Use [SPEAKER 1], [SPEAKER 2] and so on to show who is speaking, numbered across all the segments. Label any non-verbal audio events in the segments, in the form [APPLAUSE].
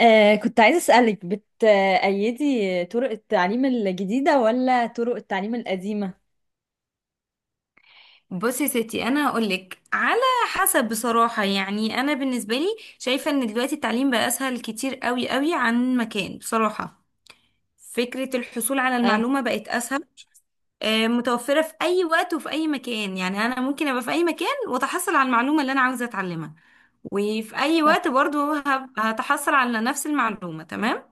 [SPEAKER 1] كنت عايزة أسألك بتأيدي طرق التعليم الجديدة ولا طرق التعليم القديمة؟
[SPEAKER 2] بصي يا ستي، انا هقولك على حسب. بصراحه يعني انا بالنسبه لي شايفه ان دلوقتي التعليم بقى اسهل كتير قوي قوي عن مكان، بصراحه. فكره الحصول على
[SPEAKER 1] اه،
[SPEAKER 2] المعلومه بقت اسهل، متوفره في اي وقت وفي اي مكان. يعني انا ممكن ابقى في اي مكان واتحصل على المعلومه اللي انا عاوزه اتعلمها، وفي اي
[SPEAKER 1] صح،
[SPEAKER 2] وقت برضو هتحصل على نفس المعلومه. تمام.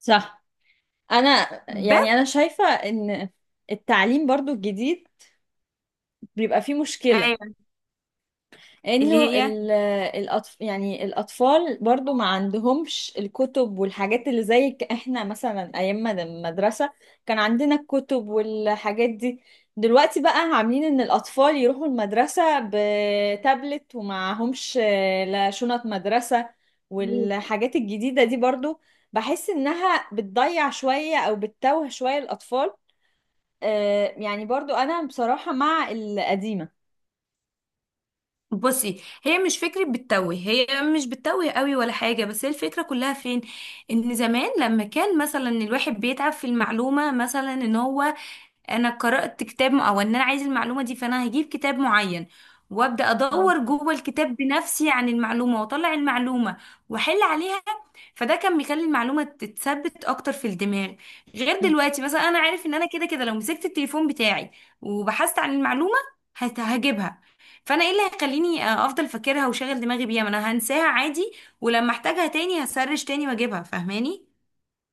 [SPEAKER 1] صح. أنا يعني
[SPEAKER 2] بس
[SPEAKER 1] أنا شايفة إن التعليم برضو الجديد بيبقى فيه مشكلة
[SPEAKER 2] ايوه.
[SPEAKER 1] انه
[SPEAKER 2] اللي
[SPEAKER 1] يعني الاطفال برضو ما عندهمش الكتب والحاجات اللي زي احنا مثلا ايام ما المدرسة كان عندنا الكتب والحاجات دي. دلوقتي بقى عاملين ان الاطفال يروحوا المدرسة بتابلت ومعهمش لا شنط مدرسة
[SPEAKER 2] هي
[SPEAKER 1] والحاجات الجديدة دي، برضو بحس انها بتضيع شوية او بتتوه شوية الاطفال. يعني برضو انا بصراحة مع القديمة.
[SPEAKER 2] بصي هي مش فكرة بتتوه. هي مش بتتوه قوي ولا حاجة، بس هي الفكرة كلها فين؟ ان زمان لما كان مثلا الواحد بيتعب في المعلومة، مثلا ان هو انا قرأت كتاب او ان انا عايز المعلومة دي، فانا هجيب كتاب معين وابدا
[SPEAKER 1] اه،
[SPEAKER 2] ادور جوه الكتاب بنفسي عن المعلومة واطلع المعلومة واحل عليها. فده كان بيخلي المعلومة تتثبت اكتر في الدماغ، غير دلوقتي. مثلا انا عارف ان انا كده كده لو مسكت التليفون بتاعي وبحثت عن المعلومة هجيبها. فانا ايه اللي هيخليني افضل فاكرها وشغل دماغي بيها؟ ما انا هنساها عادي، ولما احتاجها تاني هسرش تاني واجيبها. فاهماني؟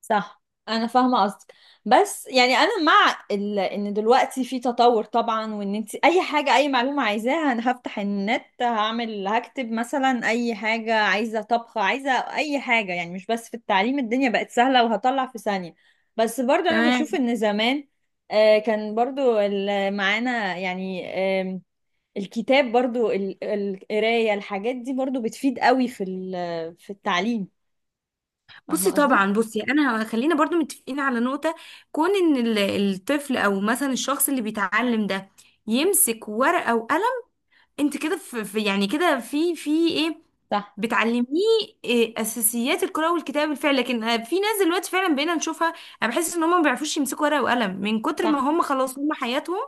[SPEAKER 1] صح، انا فاهمه قصدك. بس يعني انا مع ان دلوقتي في تطور طبعا، وان انت اي حاجه اي معلومه عايزاها انا هفتح النت هعمل هكتب مثلا اي حاجه، عايزه طبخ، عايزه اي حاجه، يعني مش بس في التعليم الدنيا بقت سهله وهطلع في ثانيه. بس برضو انا بشوف
[SPEAKER 2] تمام.
[SPEAKER 1] ان زمان كان برضو معانا يعني، آم، الكتاب برضو القرايه الحاجات دي برضو بتفيد قوي في في التعليم، فاهمه
[SPEAKER 2] بصي
[SPEAKER 1] قصدي؟
[SPEAKER 2] طبعا، بصي انا خلينا برضو متفقين على نقطة. كون ان الطفل او مثلا الشخص اللي بيتعلم ده يمسك ورقة وقلم، انت كده يعني كده في ايه
[SPEAKER 1] صح،
[SPEAKER 2] بتعلميه. إيه اساسيات القراءة والكتابة بالفعل، لكن في ناس دلوقتي فعلا بقينا نشوفها، انا بحس ان هم ما بيعرفوش يمسكوا ورقة وقلم من كتر ما
[SPEAKER 1] صح،
[SPEAKER 2] هم خلاص هم حياتهم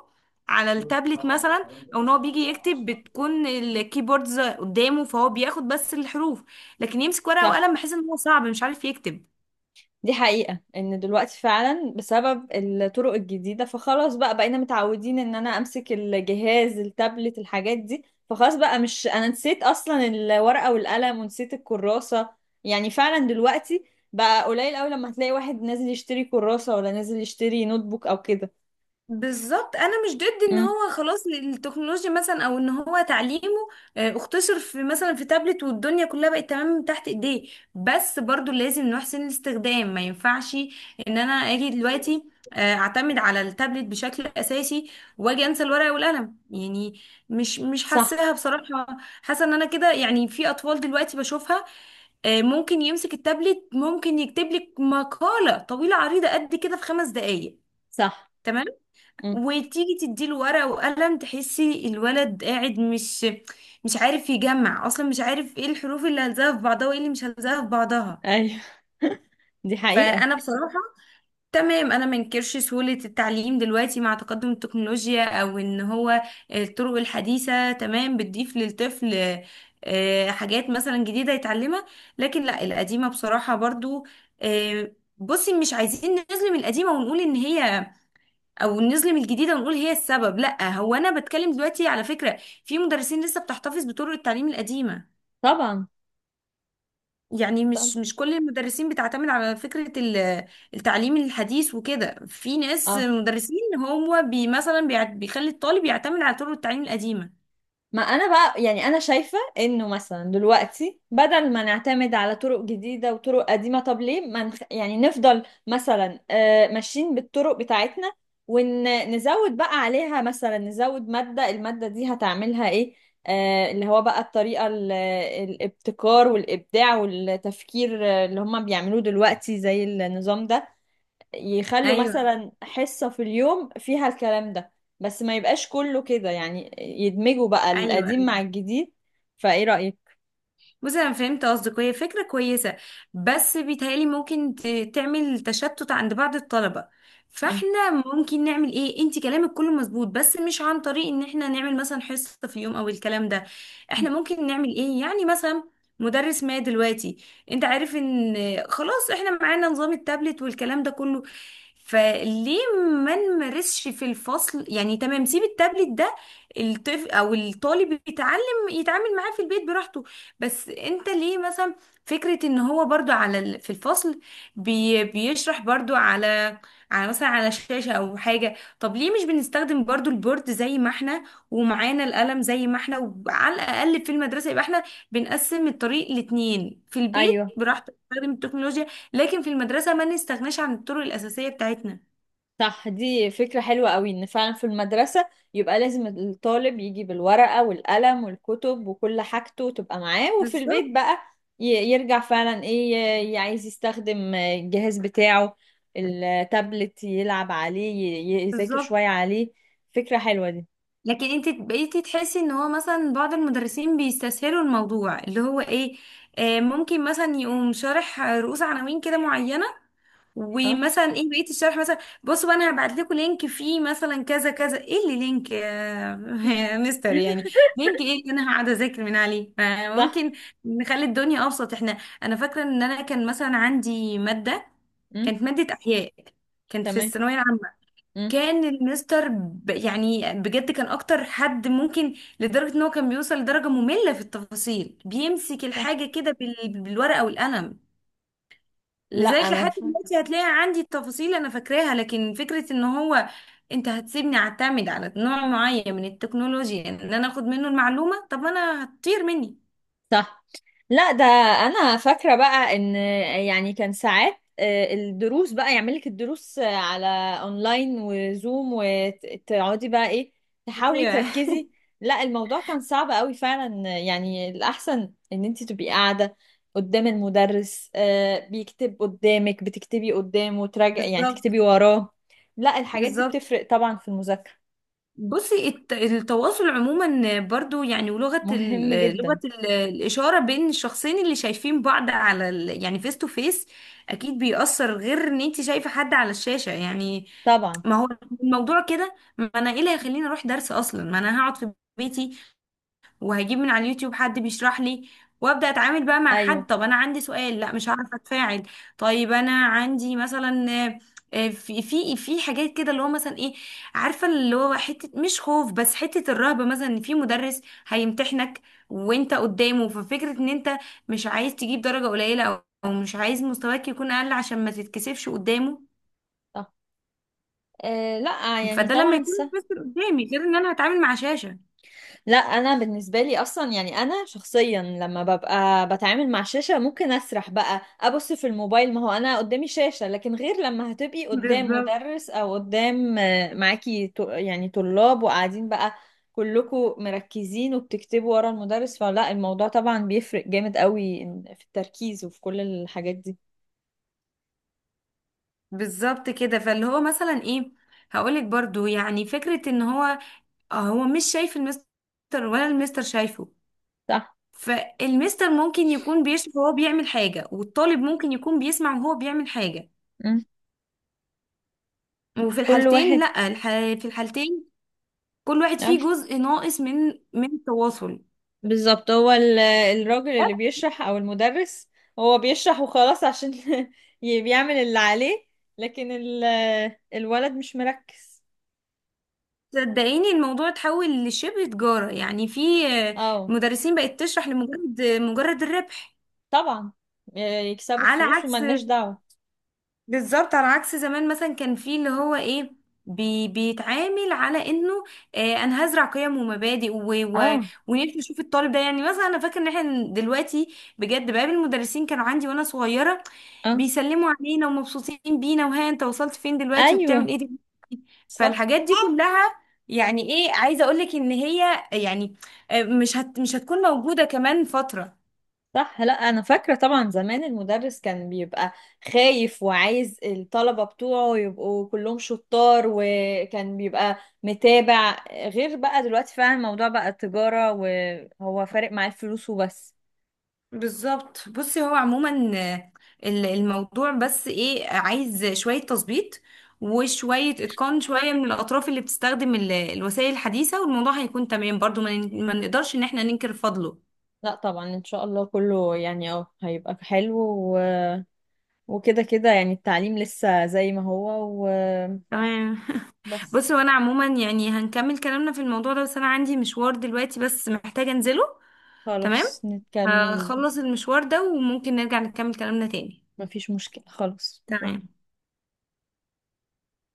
[SPEAKER 2] على التابلت مثلا، او ان هو بيجي يكتب بتكون الكيبوردز قدامه فهو بياخد بس الحروف، لكن يمسك ورقة
[SPEAKER 1] صح.
[SPEAKER 2] وقلم بحس ان هو صعب، مش عارف يكتب.
[SPEAKER 1] دي حقيقة ان دلوقتي فعلا بسبب الطرق الجديدة فخلاص بقى بقينا متعودين ان انا امسك الجهاز التابلت الحاجات دي، فخلاص بقى مش، انا نسيت اصلا الورقة والقلم ونسيت الكراسة. يعني فعلا دلوقتي بقى قليل قوي لما هتلاقي واحد نازل يشتري كراسة ولا نازل يشتري نوت بوك او كده.
[SPEAKER 2] بالظبط، انا مش ضد ان
[SPEAKER 1] امم.
[SPEAKER 2] هو خلاص التكنولوجيا مثلا، او ان هو تعليمه اختصر في مثلا في تابلت والدنيا كلها بقت تمام من تحت ايديه، بس برضو لازم نحسن الاستخدام. ما ينفعش ان انا اجي دلوقتي اعتمد على التابلت بشكل اساسي واجي انسى الورقه والقلم، يعني مش
[SPEAKER 1] صح.
[SPEAKER 2] حاساها بصراحه. حاسه ان انا كده، يعني في اطفال دلوقتي بشوفها ممكن يمسك التابلت، ممكن يكتب لك مقاله طويله عريضه قد كده في 5 دقائق،
[SPEAKER 1] صح. امم.
[SPEAKER 2] وتيجي تديله ورقة وقلم تحسي الولد قاعد، مش عارف يجمع اصلا، مش عارف ايه الحروف اللي هلزقها في بعضها وايه اللي مش هلزقها في بعضها.
[SPEAKER 1] ايوه. [LAUGHS] دي حقيقة.
[SPEAKER 2] فانا بصراحة تمام، انا منكرش سهولة التعليم دلوقتي مع تقدم التكنولوجيا، او ان هو الطرق الحديثة تمام بتضيف للطفل حاجات مثلا جديدة يتعلمها، لكن لا القديمة بصراحة برضو. آه، بصي مش عايزين نظلم القديمة ونقول ان هي، او نظلم الجديده ونقول هي السبب. لا، هو انا بتكلم دلوقتي على فكره في مدرسين لسه بتحتفظ بطرق التعليم القديمه.
[SPEAKER 1] طبعا،
[SPEAKER 2] يعني
[SPEAKER 1] طبعا.
[SPEAKER 2] مش كل المدرسين بتعتمد على فكره التعليم الحديث وكده. في ناس
[SPEAKER 1] اه،
[SPEAKER 2] مدرسين، هو مثلا بيخلي الطالب يعتمد على طرق التعليم القديمه.
[SPEAKER 1] ما انا بقى يعني انا شايفة انه مثلا دلوقتي بدل ما نعتمد على طرق جديدة وطرق قديمة، طب ليه ما نخ... يعني نفضل مثلا ماشيين بالطرق بتاعتنا، ونزود بقى عليها مثلا نزود مادة، المادة دي هتعملها ايه؟ اللي هو بقى الطريقة الابتكار والإبداع والتفكير، اللي هم بيعملوه دلوقتي زي النظام ده. يخلوا
[SPEAKER 2] ايوه،
[SPEAKER 1] مثلا حصة في اليوم فيها الكلام ده، بس ما يبقاش كله كده، يعني يدمجوا بقى
[SPEAKER 2] ايوه.
[SPEAKER 1] القديم مع الجديد. فايه رأيك؟
[SPEAKER 2] بصي انا فهمت قصدك، هي فكره كويسه، بس بيتهيألي ممكن تعمل تشتت عند بعض الطلبه.
[SPEAKER 1] م-
[SPEAKER 2] فاحنا ممكن نعمل ايه؟ انت كلامك كله مظبوط، بس مش عن طريق ان احنا نعمل مثلا حصه في يوم او الكلام ده.
[SPEAKER 1] م.
[SPEAKER 2] احنا ممكن نعمل ايه يعني؟ مثلا مدرس ما دلوقتي، انت عارف ان خلاص احنا معانا نظام التابلت والكلام ده كله، فليه ما نمارسش في الفصل؟ يعني تمام، سيب التابلت ده الطفل او الطالب يتعلم يتعامل معاه في البيت براحته، بس انت ليه مثلا؟ فكرة ان هو برضو على في الفصل بيشرح برضو على مثلا على شاشة او حاجة، طب ليه مش بنستخدم برضو البورد زي ما احنا، ومعانا القلم زي ما احنا؟ وعلى الاقل في المدرسة يبقى احنا بنقسم الطريق لاتنين. في البيت
[SPEAKER 1] ايوه.
[SPEAKER 2] براحتك تستخدم التكنولوجيا، لكن في المدرسة ما نستغناش عن الطرق الأساسية بتاعتنا.
[SPEAKER 1] صح، دي فكرة حلوة قوي ان فعلا في المدرسة يبقى لازم الطالب يجي بالورقة والقلم والكتب وكل حاجته تبقى معاه، وفي البيت
[SPEAKER 2] بالظبط.
[SPEAKER 1] بقى ي- يرجع فعلا ايه، عايز يستخدم الجهاز بتاعه التابلت يلعب عليه، يذاكر
[SPEAKER 2] بالظبط.
[SPEAKER 1] شوية عليه. فكرة حلوة دي.
[SPEAKER 2] لكن انت بقيتي تحسي ان هو مثلا بعض المدرسين بيستسهلوا الموضوع اللي هو ايه. آه ممكن مثلا يقوم شارح رؤوس عناوين كده معينة،
[SPEAKER 1] اه.
[SPEAKER 2] ومثلا ايه بقيت الشرح مثلا بصوا بقى، انا هبعت لكم لينك فيه مثلا كذا كذا. ايه اللي لينك يا [LAUGHS] يا مستر؟ يعني
[SPEAKER 1] [LAUGHS]
[SPEAKER 2] لينك ايه اللي انا هقعد اذاكر من عليه؟
[SPEAKER 1] صح.
[SPEAKER 2] ممكن نخلي الدنيا ابسط. احنا انا فاكرة ان انا كان مثلا عندي مادة،
[SPEAKER 1] امم.
[SPEAKER 2] كانت مادة احياء، كانت في
[SPEAKER 1] تمام.
[SPEAKER 2] الثانوية العامة.
[SPEAKER 1] امم.
[SPEAKER 2] كان المستر يعني بجد كان اكتر حد ممكن، لدرجة ان هو كان بيوصل لدرجة مملة في التفاصيل. بيمسك
[SPEAKER 1] صح.
[SPEAKER 2] الحاجة كده بالورقة والقلم،
[SPEAKER 1] لا،
[SPEAKER 2] لذلك لحد دلوقتي هتلاقي عندي التفاصيل انا فاكراها، لكن فكرة ان هو انت هتسيبني اعتمد على نوع معين من التكنولوجيا ان انا اخد منه المعلومة، طب انا هتطير مني.
[SPEAKER 1] صح. لا، ده انا فاكره بقى ان يعني كان ساعات، الدروس بقى يعمل لك الدروس على اونلاين وزوم، وتقعدي بقى ايه تحاولي
[SPEAKER 2] ايوه [LAUGHS]
[SPEAKER 1] تركزي. لا، الموضوع كان صعب قوي فعلا، يعني الاحسن ان انت تبقي قاعده قدام المدرس، بيكتب قدامك بتكتبي قدامه وتراجعي يعني
[SPEAKER 2] بالظبط.
[SPEAKER 1] تكتبي وراه. لا، الحاجات دي
[SPEAKER 2] بالظبط.
[SPEAKER 1] بتفرق طبعا في المذاكره.
[SPEAKER 2] بصي التواصل عموما برضو يعني، ولغة
[SPEAKER 1] مهم جدا.
[SPEAKER 2] الإشارة بين الشخصين اللي شايفين بعض على يعني فيس تو فيس، أكيد بيأثر، غير إن أنت شايفة حد على الشاشة يعني.
[SPEAKER 1] طبعا.
[SPEAKER 2] ما هو الموضوع كده، ما أنا إيه اللي هيخليني أروح درس أصلا؟ ما أنا هقعد في بيتي وهجيب من على اليوتيوب حد بيشرح لي، وابدا اتعامل بقى مع حد.
[SPEAKER 1] ايوه.
[SPEAKER 2] طب انا عندي سؤال، لا مش هعرف اتفاعل. طيب انا عندي مثلا في حاجات كده اللي هو مثلا ايه، عارفه اللي هو حته مش خوف بس حته الرهبه مثلا. ان في مدرس هيمتحنك وانت قدامه، ففكره ان انت مش عايز تجيب درجه قليله، او أو مش عايز مستواك يكون اقل عشان ما تتكسفش قدامه.
[SPEAKER 1] صح. لا، يعني
[SPEAKER 2] فده لما
[SPEAKER 1] طبعا
[SPEAKER 2] يكون
[SPEAKER 1] صح.
[SPEAKER 2] بس قدامي، غير ان انا هتعامل مع شاشه.
[SPEAKER 1] لا، انا بالنسبه لي اصلا يعني انا شخصيا لما ببقى بتعامل مع شاشه ممكن اسرح بقى ابص في الموبايل، ما هو انا قدامي شاشه، لكن غير لما هتبقي قدام
[SPEAKER 2] بالظبط.
[SPEAKER 1] مدرس او قدام معاكي يعني طلاب، وقاعدين بقى كلكم مركزين وبتكتبوا ورا المدرس، فلا الموضوع طبعا بيفرق جامد قوي في التركيز وفي كل الحاجات دي.
[SPEAKER 2] بالظبط كده. فاللي هو مثلا ايه، هقولك برضو يعني فكرة ان هو هو مش شايف المستر ولا المستر شايفه،
[SPEAKER 1] صح.
[SPEAKER 2] فالمستر ممكن يكون بيشوف وهو بيعمل حاجة، والطالب ممكن يكون بيسمع وهو بيعمل حاجة.
[SPEAKER 1] مم.
[SPEAKER 2] وفي
[SPEAKER 1] كل
[SPEAKER 2] الحالتين
[SPEAKER 1] واحد.
[SPEAKER 2] لا في الحالتين كل واحد
[SPEAKER 1] آه.
[SPEAKER 2] فيه جزء ناقص من التواصل.
[SPEAKER 1] بالظبط، هو الراجل اللي بيشرح او المدرس هو بيشرح وخلاص، عشان [LAUGHS] بيعمل اللي عليه. لكن الولد مش مركز.
[SPEAKER 2] صدقيني الموضوع اتحول لشبه تجارة. يعني في
[SPEAKER 1] اه،
[SPEAKER 2] مدرسين بقت تشرح لمجرد مجرد الربح.
[SPEAKER 1] طبعا. يكسبوا
[SPEAKER 2] على
[SPEAKER 1] فلوس
[SPEAKER 2] عكس،
[SPEAKER 1] وملناش دعوة.
[SPEAKER 2] بالظبط على عكس زمان مثلا كان فيه اللي هو ايه، بيتعامل على انه آه انا هزرع قيم ومبادئ و و
[SPEAKER 1] اه.
[SPEAKER 2] ونفسي اشوف الطالب ده. يعني مثلا انا فاكر ان احنا دلوقتي بجد بقابل المدرسين كانوا عندي وانا صغيره،
[SPEAKER 1] اه.
[SPEAKER 2] بيسلموا علينا ومبسوطين بينا، وها انت وصلت فين دلوقتي وبتعمل
[SPEAKER 1] ايوه.
[SPEAKER 2] ايه دلوقتي.
[SPEAKER 1] صح،
[SPEAKER 2] فالحاجات دي كلها يعني ايه عايزه اقولك ان هي يعني مش هتكون موجوده كمان فتره.
[SPEAKER 1] صح. لا، انا فاكره طبعا زمان المدرس كان بيبقى خايف وعايز الطلبه بتوعه يبقوا كلهم شطار، وكان بيبقى متابع. غير بقى دلوقتي فعلا الموضوع بقى تجاره، وهو فارق معاه الفلوس وبس.
[SPEAKER 2] بالظبط. بصي هو عموما الموضوع بس ايه عايز شوية تظبيط، وشوية اتقان، شوية من الأطراف اللي بتستخدم الوسائل الحديثة، والموضوع هيكون تمام. برضو ما نقدرش ان احنا ننكر فضله.
[SPEAKER 1] لا، طبعا ان شاء الله كله، يعني هيبقى حلو و... وكده كده، يعني التعليم لسه زي ما هو
[SPEAKER 2] تمام.
[SPEAKER 1] وبس.
[SPEAKER 2] بصي وانا عموما يعني هنكمل كلامنا في الموضوع ده، بس انا عندي مشوار دلوقتي بس محتاجة انزله. تمام.
[SPEAKER 1] خلاص نكمل.
[SPEAKER 2] هخلص المشوار ده وممكن نرجع نكمل كلامنا تاني.
[SPEAKER 1] مفيش مشكله خلاص.
[SPEAKER 2] تمام.